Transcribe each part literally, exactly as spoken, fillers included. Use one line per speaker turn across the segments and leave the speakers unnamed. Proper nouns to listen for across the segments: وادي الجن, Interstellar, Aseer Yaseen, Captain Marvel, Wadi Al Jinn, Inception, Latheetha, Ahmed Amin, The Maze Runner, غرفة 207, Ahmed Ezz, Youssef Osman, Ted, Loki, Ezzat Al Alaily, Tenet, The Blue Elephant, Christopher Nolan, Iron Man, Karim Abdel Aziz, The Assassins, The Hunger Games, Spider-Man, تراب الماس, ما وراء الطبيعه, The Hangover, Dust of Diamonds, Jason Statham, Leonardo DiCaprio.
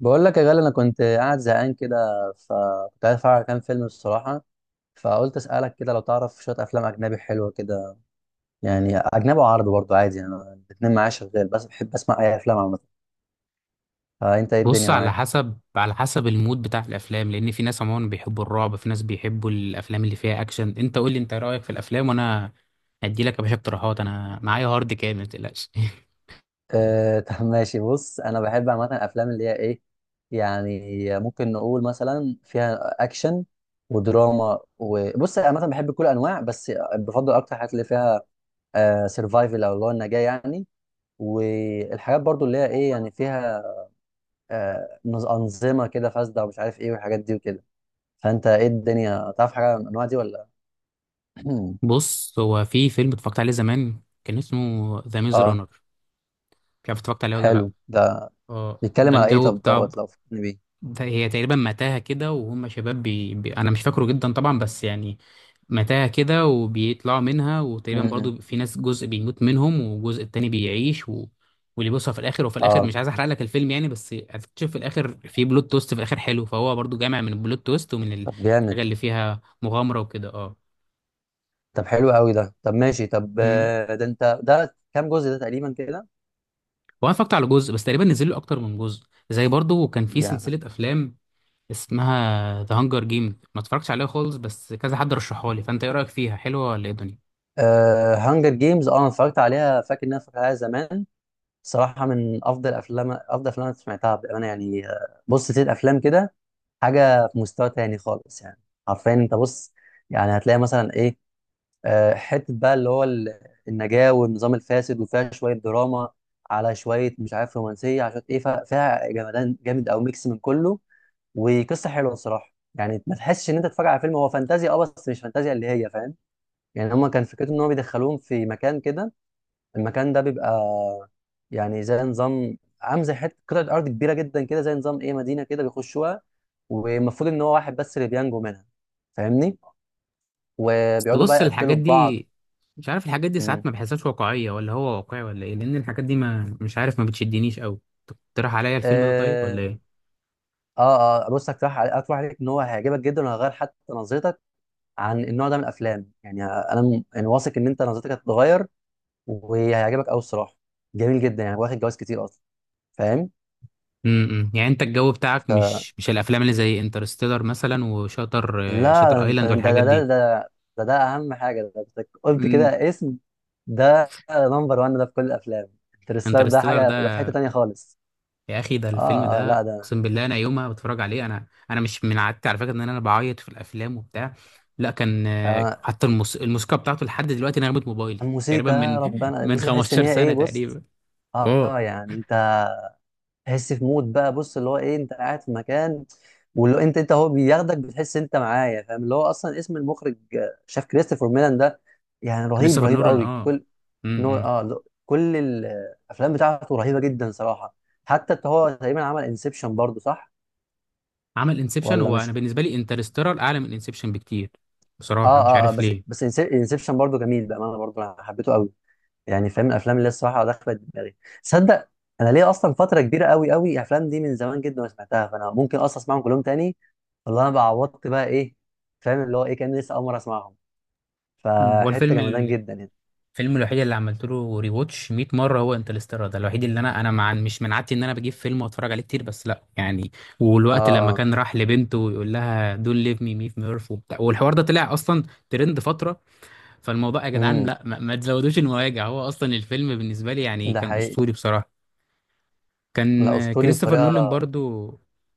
بقول لك يا غالي، انا كنت قاعد زهقان كده. فكنت عايز اتفرج على كام فيلم الصراحه، فقلت اسالك كده لو تعرف شويه افلام اجنبي حلوه كده. يعني اجنبي وعربي برضه عادي، يعني أنا الاتنين معايا شغال، بس بحب اسمع اي افلام عامه. فانت ايه
بص،
الدنيا
على
معاك؟
حسب على حسب المود بتاع الافلام. لان في ناس عموما بيحبوا الرعب، في ناس بيحبوا الافلام اللي فيها اكشن. انت قول لي انت رايك في الافلام وانا هدي لك يا باشا اقتراحات. انا معايا هارد كامل ما تقلقش.
أه طب ماشي، بص انا بحب عامه الافلام اللي هي ايه، يعني ممكن نقول مثلا فيها اكشن ودراما. وبص انا عامه بحب كل انواع، بس بفضل اكتر الحاجات اللي فيها سرفايفل، او اللي هو النجاه يعني. والحاجات برضو اللي هي ايه، يعني فيها آه، نظ- انظمه كده فاسده ومش عارف ايه، والحاجات دي وكده. فانت ايه الدنيا، تعرف حاجه عن الانواع دي ولا؟
بص، هو في فيلم اتفرجت عليه زمان كان اسمه ذا ميز
اه،
رانر. مش عارف اتفرجت عليه ولا لا.
حلو ده.
اه ده
بيتكلم على ايه؟
الجو
طب
بتاع.
دوت لو فكرني بيه.
ده هي تقريبا متاهه كده، وهم شباب بي... بي... انا مش فاكره جدا طبعا بس يعني متاهة كده، وبيطلعوا منها، وتقريبا
م-م.
برضو في ناس جزء بيموت منهم والجزء التاني بيعيش و... واللي بيوصل في الاخر. وفي الاخر
اه
مش عايز احرق لك الفيلم يعني، بس هتكتشف في الاخر في بلوت تويست في الاخر حلو. فهو برضو جامع من البلوت تويست ومن ال-
طب جامد.
الحاجة اللي فيها مغامرة وكده، اه.
طب حلو قوي ده، طب ماشي، طب
مم.
آه، ده انت ده كام جزء ده تقريبا كده؟
وانا اتفرجت على جزء بس، تقريبا نزل له اكتر من جزء. زي برضو كان في
يعني
سلسلة افلام اسمها ذا هانجر جيم، ما اتفرجتش عليها خالص بس كذا حد رشحها لي. فانت ايه رايك فيها؟ حلوة ولا ايه الدنيا؟
آه هانجر جيمز، اه انا اتفرجت عليها، فاكر ان انا اتفرجت عليها زمان. صراحه من افضل افلام، افضل افلام انا سمعتها بامانه يعني. آه، بص ست افلام كده، حاجه في مستوى تاني خالص يعني. حرفيا انت بص، يعني هتلاقي مثلا ايه، آه، حته بقى اللي هو ال- النجاه والنظام الفاسد، وفيها شويه دراما، على شويه مش عارف رومانسيه، عشان ايه ف- فيها جمدان جامد، او ميكس من كله. وقصه حلوه الصراحه، يعني ما تحسش ان انت تتفرج على فيلم. هو فانتازيا اه، بس مش فانتازيا اللي هي، فاهم؟ يعني هما كان فكرته ان هو بيدخلوهم في مكان كده. المكان ده بيبقى يعني زي نظام، عامل زي حته قطعه ارض كبيره جدا كده، زي نظام ايه، مدينه كده بيخشوها. والمفروض ان هو واحد بس اللي بينجو منها، فاهمني؟
بس
وبيقعدوا بقى
بص،
يقتلوا
الحاجات
في بعض.
دي مش عارف، الحاجات دي
مم.
ساعات ما بحسهاش واقعية، ولا هو واقعي ولا ايه؟ لان الحاجات دي ما مش عارف، ما بتشدنيش قوي. تقترح عليا الفيلم ده طيب
اه
ولا ايه؟
اه، آه، بص هقترح عليك، هقترح عليك ان هو هيعجبك جدا، وهيغير حتى نظرتك عن النوع ده من الافلام. يعني انا م- يعني واثق ان انت نظرتك هتتغير وهيعجبك قوي الصراحه. جميل جدا يعني، واخد جوايز كتير اصلا، فاهم؟
امم، يعني انت الجو بتاعك مش مش الافلام اللي زي انترستيلر مثلا، وشاتر
لا
شاتر
انت
ايلاند
ده
والحاجات
ده ده
دي؟
ده ده, ده اهم حاجه، ده أنت قلت
امم.
كده اسم. ده نمبر واحد ده في كل الافلام. انترستار ده
انترستيلر
حاجه، ده في
ده
حته تانية خالص.
يا اخي، ده الفيلم
اه اه
ده.
لا ده
اقسم بالله انا يوم ما بتفرج عليه، انا انا مش من عادتي على فكرة ان انا بعيط في الافلام وبتاع، لا. كان آه،
آه،
حتى الموس... الموسيقى بتاعته لحد دلوقتي نغمة موبايلي. تقريبا
الموسيقى، يا
من
ربنا
من
الموسيقى، تحس ان
خمستاشر
هي ايه،
سنة
بص.
تقريبا.
اه
اه،
آه، يعني انت تحس في مود بقى. بص اللي هو ايه، انت قاعد في مكان، واللي هو انت انت هو بياخدك، بتحس انت معايا، فاهم؟ اللي هو اصلا اسم المخرج آه، شاف كريستوفر ميلان ده، يعني رهيب،
كريستوفر
رهيب
نولان
قوي،
اه.
كل نو
امم.
اه ل- كل الافلام بتاعته رهيبه جدا صراحه. حتى إنت هو تقريبا عمل انسبشن برضو، صح
عمل انسبشن،
ولا
هو انا
مش؟
بالنسبه لي انترستيلر اعلى من انسبشن بكتير،
اه
بصراحه مش
اه, آه
عارف
بس
ليه.
بس انسبشن برضو جميل بامانه، برضو انا حبيته قوي يعني، فاهم؟ الافلام اللي الصراحه دخلت دماغي، تصدق انا ليه اصلا فتره كبيره قوي قوي، الافلام دي من زمان جدا ما سمعتها، فانا ممكن اصلا اسمعهم كلهم تاني. والله انا بقى عوضت بقى ايه، فاهم؟ اللي هو ايه، كان لسه اول مره اسمعهم،
مم. هو
فحته
الفيلم
جمدان
ال-
جدا يعني.
الفيلم الوحيد اللي عملت له ري واتش مئة مره هو انترستيلر. ده الوحيد اللي انا انا مع مش من عادتي ان انا بجيب فيلم واتفرج عليه كتير، بس لا يعني. والوقت لما
اه
كان راح لبنته ويقول لها دون ليف مي مي في ميرف وبتاع، والحوار ده طلع اصلا ترند فتره. فالموضوع يا جدعان
امم،
لا، ما, ما تزودوش المواجع. هو اصلا الفيلم بالنسبه لي يعني
ده
كان
حقيقي.
اسطوري بصراحه.
لا
كان
اسطوري
كريستوفر نولان
بطريقه.
برضو،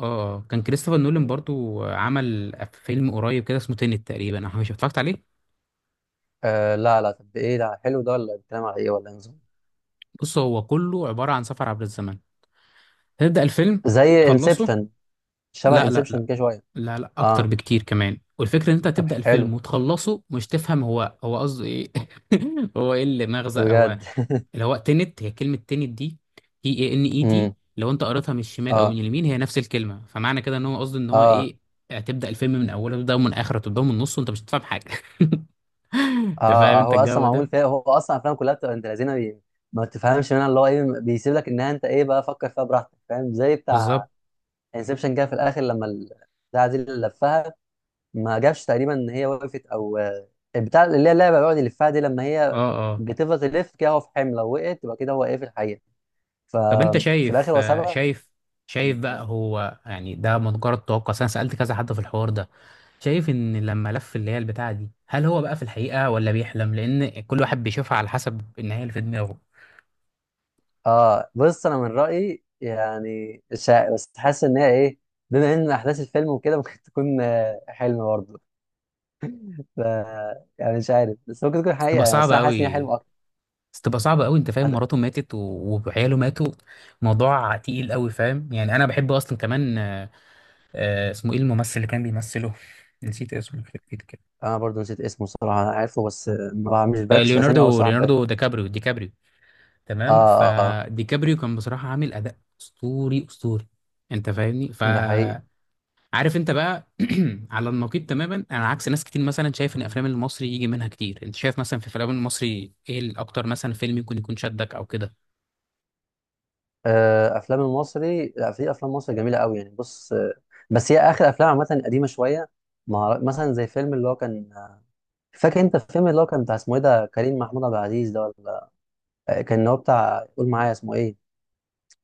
اه. كان كريستوفر نولان برضو عمل فيلم قريب كده اسمه تينت تقريبا، انا مش اتفرجت عليه.
آه لا لا، طب ايه ده، حلو ده ولا بيتكلم على ايه؟ ولا إيه نظام؟
بص، هو كله عبارة عن سفر عبر الزمن. تبدأ الفيلم
زي
وتخلصه،
انسبشن؟ شبه
لا لا
انسبشن
لا
كده شويه؟
لا لا اكتر
اه
بكتير كمان. والفكرة ان انت
طب
هتبدأ الفيلم
حلو،
وتخلصه مش تفهم هو هو قصده ايه. هو ايه اللي مغزى هو،
بجد.
اللي هو تنت. هي كلمة تنت دي تي اي ان اي تي،
امم.
لو انت قريتها من الشمال او
اه
من اليمين هي نفس الكلمة. فمعنى كده ان هو قصده ان هو
اه
ايه، هتبدأ الفيلم من اوله، تبدأ من اخره، تبدأ من النص، وانت مش هتفهم حاجة.
اه
انت فاهم
آه،
انت
هو اصلا
الجو
معمول
ده؟
فيها، هو اصلا افلام كلها بتبقى انت لذينه بي... ما تفهمش منها اللي هو ايه، بيسيب لك انها انت ايه بقى، فكر فيها براحتك، فاهم؟ زي بتاع
بالظبط.
انسبشن كده في الاخر، لما ال- بتاع دي اللي لفها، ما جابش تقريبا ان هي وقفت او آه، البتاع اللي هي اللعبه بيقعد يلفها دي، لما
اه
هي
اه.
بتفضل تلف كده، هو في حمل لو وقعت تبقى كده هو ايه في الحقيقه.
طب انت
ففي
شايف
الاخر هو
آه،
سابها.
شايف شايف
مم.
بقى، هو يعني ده مجرد توقع، أصل انا سألت كذا حد في الحوار ده. شايف ان لما لف اللي هي البتاعة دي، هل هو بقى في الحقيقة ولا بيحلم؟ لان كل واحد بيشوفها على حسب النهاية اللي في دماغه.
اه بص انا من رايي يعني، شا... بس حاسس ان هي ايه، بما ان احداث الفيلم وكده ممكن تكون آه، حلم برضه، ف... يعني مش عارف، بس ممكن تكون
تبقى
حقيقه يعني، بس
صعبة
انا حاسس ان هي
قوي.
حلم اكتر.
بس تبقى صعبة قوي، انت فاهم
هت-
مراته ماتت و- وعياله ماتوا. موضوع تقيل قوي، فاهم يعني. انا بحب اصلا كمان آه، آه، اسمه ايه الممثل اللي كان بيمثله؟ نسيت اسمه، يخرب بيت كده.
انا برضه نسيت اسمه صراحه، انا عارفه بس آه، ما بع- مش
آه،
بركز في اسامي قوي
ليوناردو،
صراحه بتاعتهم.
ليوناردو ديكابريو ديكابريو.
اه
تمام،
اه آه،
فديكابريو كان بصراحة عامل أداء أسطوري أسطوري. أنت فاهمني،
ده حقيقي.
فعارف أنت بقى. على النقيض تماما، أنا عكس ناس كتير مثلا شايف إن أفلام المصري يجي منها كتير. أنت شايف مثلا في أفلام المصري إيه الأكتر؟ مثلا فيلم يكون يكون شدك أو كده.
آه افلام المصري، لا في افلام مصري جميله قوي يعني. بص آه، بس هي اخر افلام عامه قديمه شويه. ما أعرف- مثلا زي فيلم اللي هو كان، فاكر انت الفيلم اللي هو كان بتاع اسمه ايه ده، كريم محمود عبد العزيز ده، آه، كان هو بتاع، قول معايا اسمه ايه،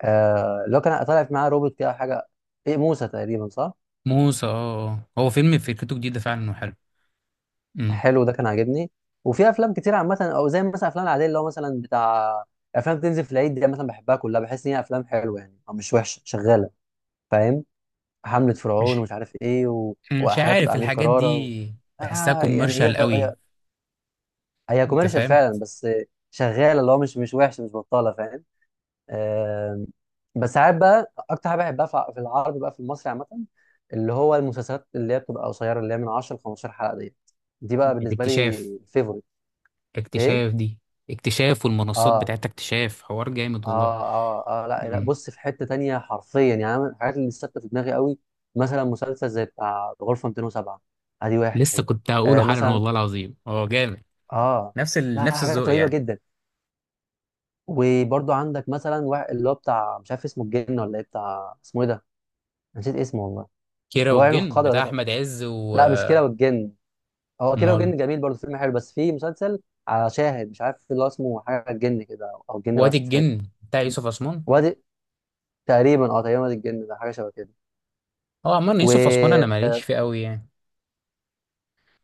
آه اللي هو كان طالع في معاه روبوت كده حاجه، ايه موسى تقريبا صح؟
موسى، اه اه، هو فيلم فكرته جديدة فعلا وحلو. امم.
حلو ده كان عاجبني. وفي افلام كتير عامه، او زي مثلا افلام العاديه اللي هو مثلا بتاع افلام بتنزل في العيد دي، مثلا بحبها كلها، بحس ان هي افلام حلوه يعني، او مش وحشه، شغاله، فاهم؟ حمله فرعون
مش
ومش عارف ايه و...
مش
وحاجات
عارف
بتاع امير
الحاجات
كرارة و...
دي، بحسها
آه يعني هي
كوميرشال قوي.
هي, هي
انت
كوميرشال
فاهم.
فعلا، بس شغاله، اللي هو مش مش وحشه، مش بطاله، فاهم؟ آم، بس ساعات بقى اكتر حاجه بحبها في في العربي بقى، في المصري عامه، اللي هو المسلسلات اللي هي بتبقى قصيره، اللي هي من عشر ل خمستاشر حلقه ديت. دي بقى بالنسبه
الاكتشاف،
لي فيفوريت. ايه؟
اكتشاف دي. اكتشاف والمنصات
اه
بتاعت اكتشاف حوار جامد والله.
اه اه اه لا لا،
امم.
بص في حته تانية حرفيا يعني. أنا من الحاجات اللي ثابته في دماغي قوي، مثلا مسلسل زي بتاع غرفه مئتين وسبعة، ادي
لسه
واحد.
كنت هقوله
آه
حالا،
مثلا
والله العظيم هو جامد.
اه،
نفس ال...
لا
نفس
حاجات
الذوق
رهيبه
يعني.
جدا. وبرضو عندك مثلا واحد اللي هو بتاع مش عارف اسمه الجن ولا ايه، بتاع اسمه ايه ده، نسيت اسمه والله،
كيرة
اللي هو عينه
والجن،
خضرا
بتاع
ده.
احمد عز و
لا مش كده والجن، هو كده
مال.
والجن جميل برضه، فيلم حلو، بس في مسلسل على شاهد مش عارف اللي هو اسمه حاجه الجن كده، او أو الجن،
وادي
بس مش فاكر.
الجن بتاع يوسف عثمان.
وادي تقريبا، اه تقريبا وادي الجن ده، حاجه شبه كده.
اه، عمال
و
يوسف عثمان انا ماليش فيه قوي يعني.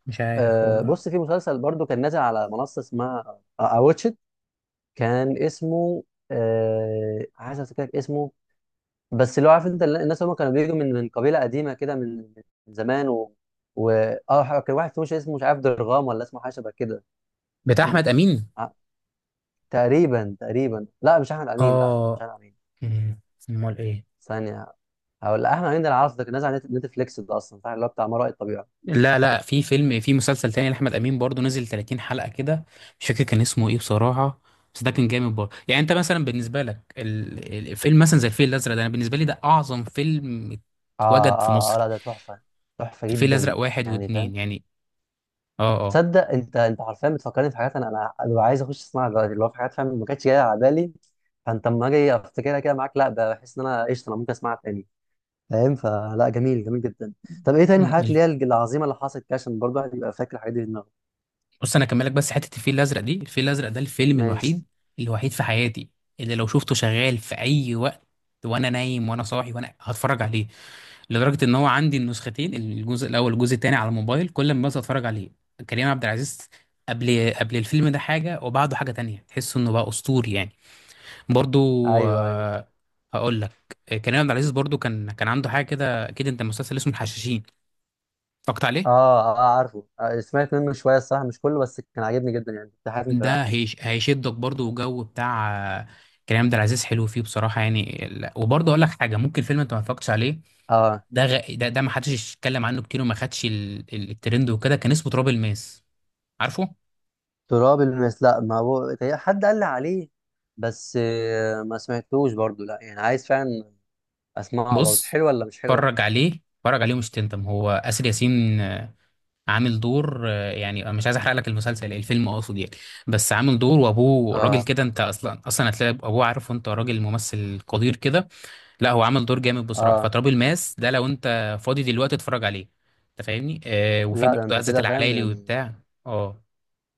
مش عارف هو
آه،
ولا لا.
بص في مسلسل برضو كان نازل على منصه اسمها اواتشت، كان اسمه آه، عايز افتكر اسمه، بس اللي هو عارف انت، الناس هم كانوا بيجوا من من قبيله قديمه كده، من من زمان و و اه كان واحد فيهم مش اسمه مش عارف درغام، ولا اسمه حاجه شبه كده.
بتاع احمد امين؟
تقريبا تقريبا، لا مش احمد امين، لا لا مش
اه.
احمد امين.
مم. امال ايه؟
ثانيه، هقول لا احمد امين ده العرض ده، كان نازل على نت- نتفليكس ده اصلا، فاهم اللي هو بتاع ما وراء الطبيعه.
لا لا، في فيلم، في مسلسل تاني لاحمد امين برضو نزل تلاتين حلقه كده، مش فاكر كان اسمه ايه بصراحه. بس ده كان جامد برضه يعني. انت مثلا بالنسبه لك ال- الفيلم مثلا زي الفيل الازرق ده، انا بالنسبه لي ده اعظم فيلم
اه
اتوجد في
اه اه
مصر.
لا ده تحفه، تحفه
الفيل
جدا
الازرق واحد
يعني فاهم.
واتنين يعني. اه اه.
تصدق انت، انت حرفيا بتفكرني في حاجات، انا انا ببقى عايز اخش اسمعها دلوقتي، اللي هو في حاجات فاهم ما كانتش جايه على بالي، فانت اما اجي افتكرها كده معاك، لا بحس ان انا قشطه، انا ممكن اسمعها تاني فاهم. فلا جميل، جميل جدا. طب ايه تاني من
مم.
الحاجات
ال-
اللي هي العظيمه اللي حصلت كده، عشان برضه الواحد يبقى فاكر الحاجات دي في دماغه.
بص، انا اكملك بس حته الفيل الازرق دي. الفيل الازرق ده الفيلم
ماشي.
الوحيد، الوحيد في حياتي، اللي لو شفته شغال في اي وقت، وانا نايم وانا صاحي، وانا هتفرج عليه. لدرجه ان هو عندي النسختين، الجزء الاول والجزء الثاني على الموبايل، كل ما بس اتفرج عليه. كريم عبد العزيز قبل قبل الفيلم ده حاجه وبعده حاجه تانية، تحس انه بقى اسطوري يعني. برضو،
ايوه، أيوه.
آه، هقول لك. كريم عبد العزيز برضو كان كان عنده حاجه كده. اكيد انت مسلسل اسمه الحشاشين اتفرجت عليه.
اه اه عارفه، آه، سمعت منه شويه الصراحه مش كله، بس كان عاجبني جدا يعني، كنت حابب
ده
متابعه.
هيش هيشدك برضو، والجو بتاع آه، كريم عبد العزيز حلو فيه بصراحه يعني. لا- وبرضو اقول لك حاجه، ممكن فيلم انت ما اتفرجتش عليه.
اه
ده غ... ده, ده ما حدش اتكلم عنه كتير، وما خدش ال... ال- الترند وكده، كان اسمه تراب الماس، عارفه؟
تراب الماس، لا ما هو تقريباً حد قال لي عليه، بس آه، ما سمعتوش برضو لا، يعني عايز فعلا اسمعه برضو.
بص،
حلوه ولا مش حلوه؟
اتفرج عليه اتفرج عليه ومش تندم. هو آسر ياسين آه، عامل دور، آه، يعني أنا مش عايز احرق لك المسلسل، الفيلم اقصد يعني، بس عامل دور وابوه راجل
اه
كده. انت اصلا اصلا هتلاقي ابوه عارف، وانت راجل ممثل قدير كده. لا هو عامل دور جامد بصراحه.
اه
فتراب الماس ده لو انت فاضي دلوقتي اتفرج عليه، انت فاهمني. آه، وفي
لا ده
برضه
انت
عزت
كده فاهم
العلايلي
يعني،
وبتاع. اه،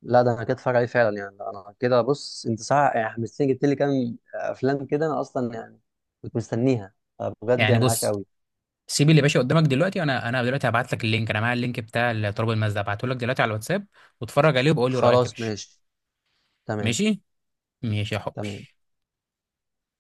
لا ده انا كده اتفرج عليه فعلا يعني، انا كده. بص انت صح يعني، حمستني، جبت لي كام افلام كده، انا اصلا يعني كنت مستنيها. آه، بجد
يعني
يعني عاش
بص،
قوي.
سيب اللي باشا قدامك دلوقتي. انا انا دلوقتي هبعت لك اللينك، انا معايا اللينك بتاع تراب الماس ده، هبعته لك دلوقتي على الواتساب. واتفرج عليه وبقول لي رايك يا
خلاص
باشا.
ماشي، تمام.
ماشي، ماشي يا حبي.
تمام.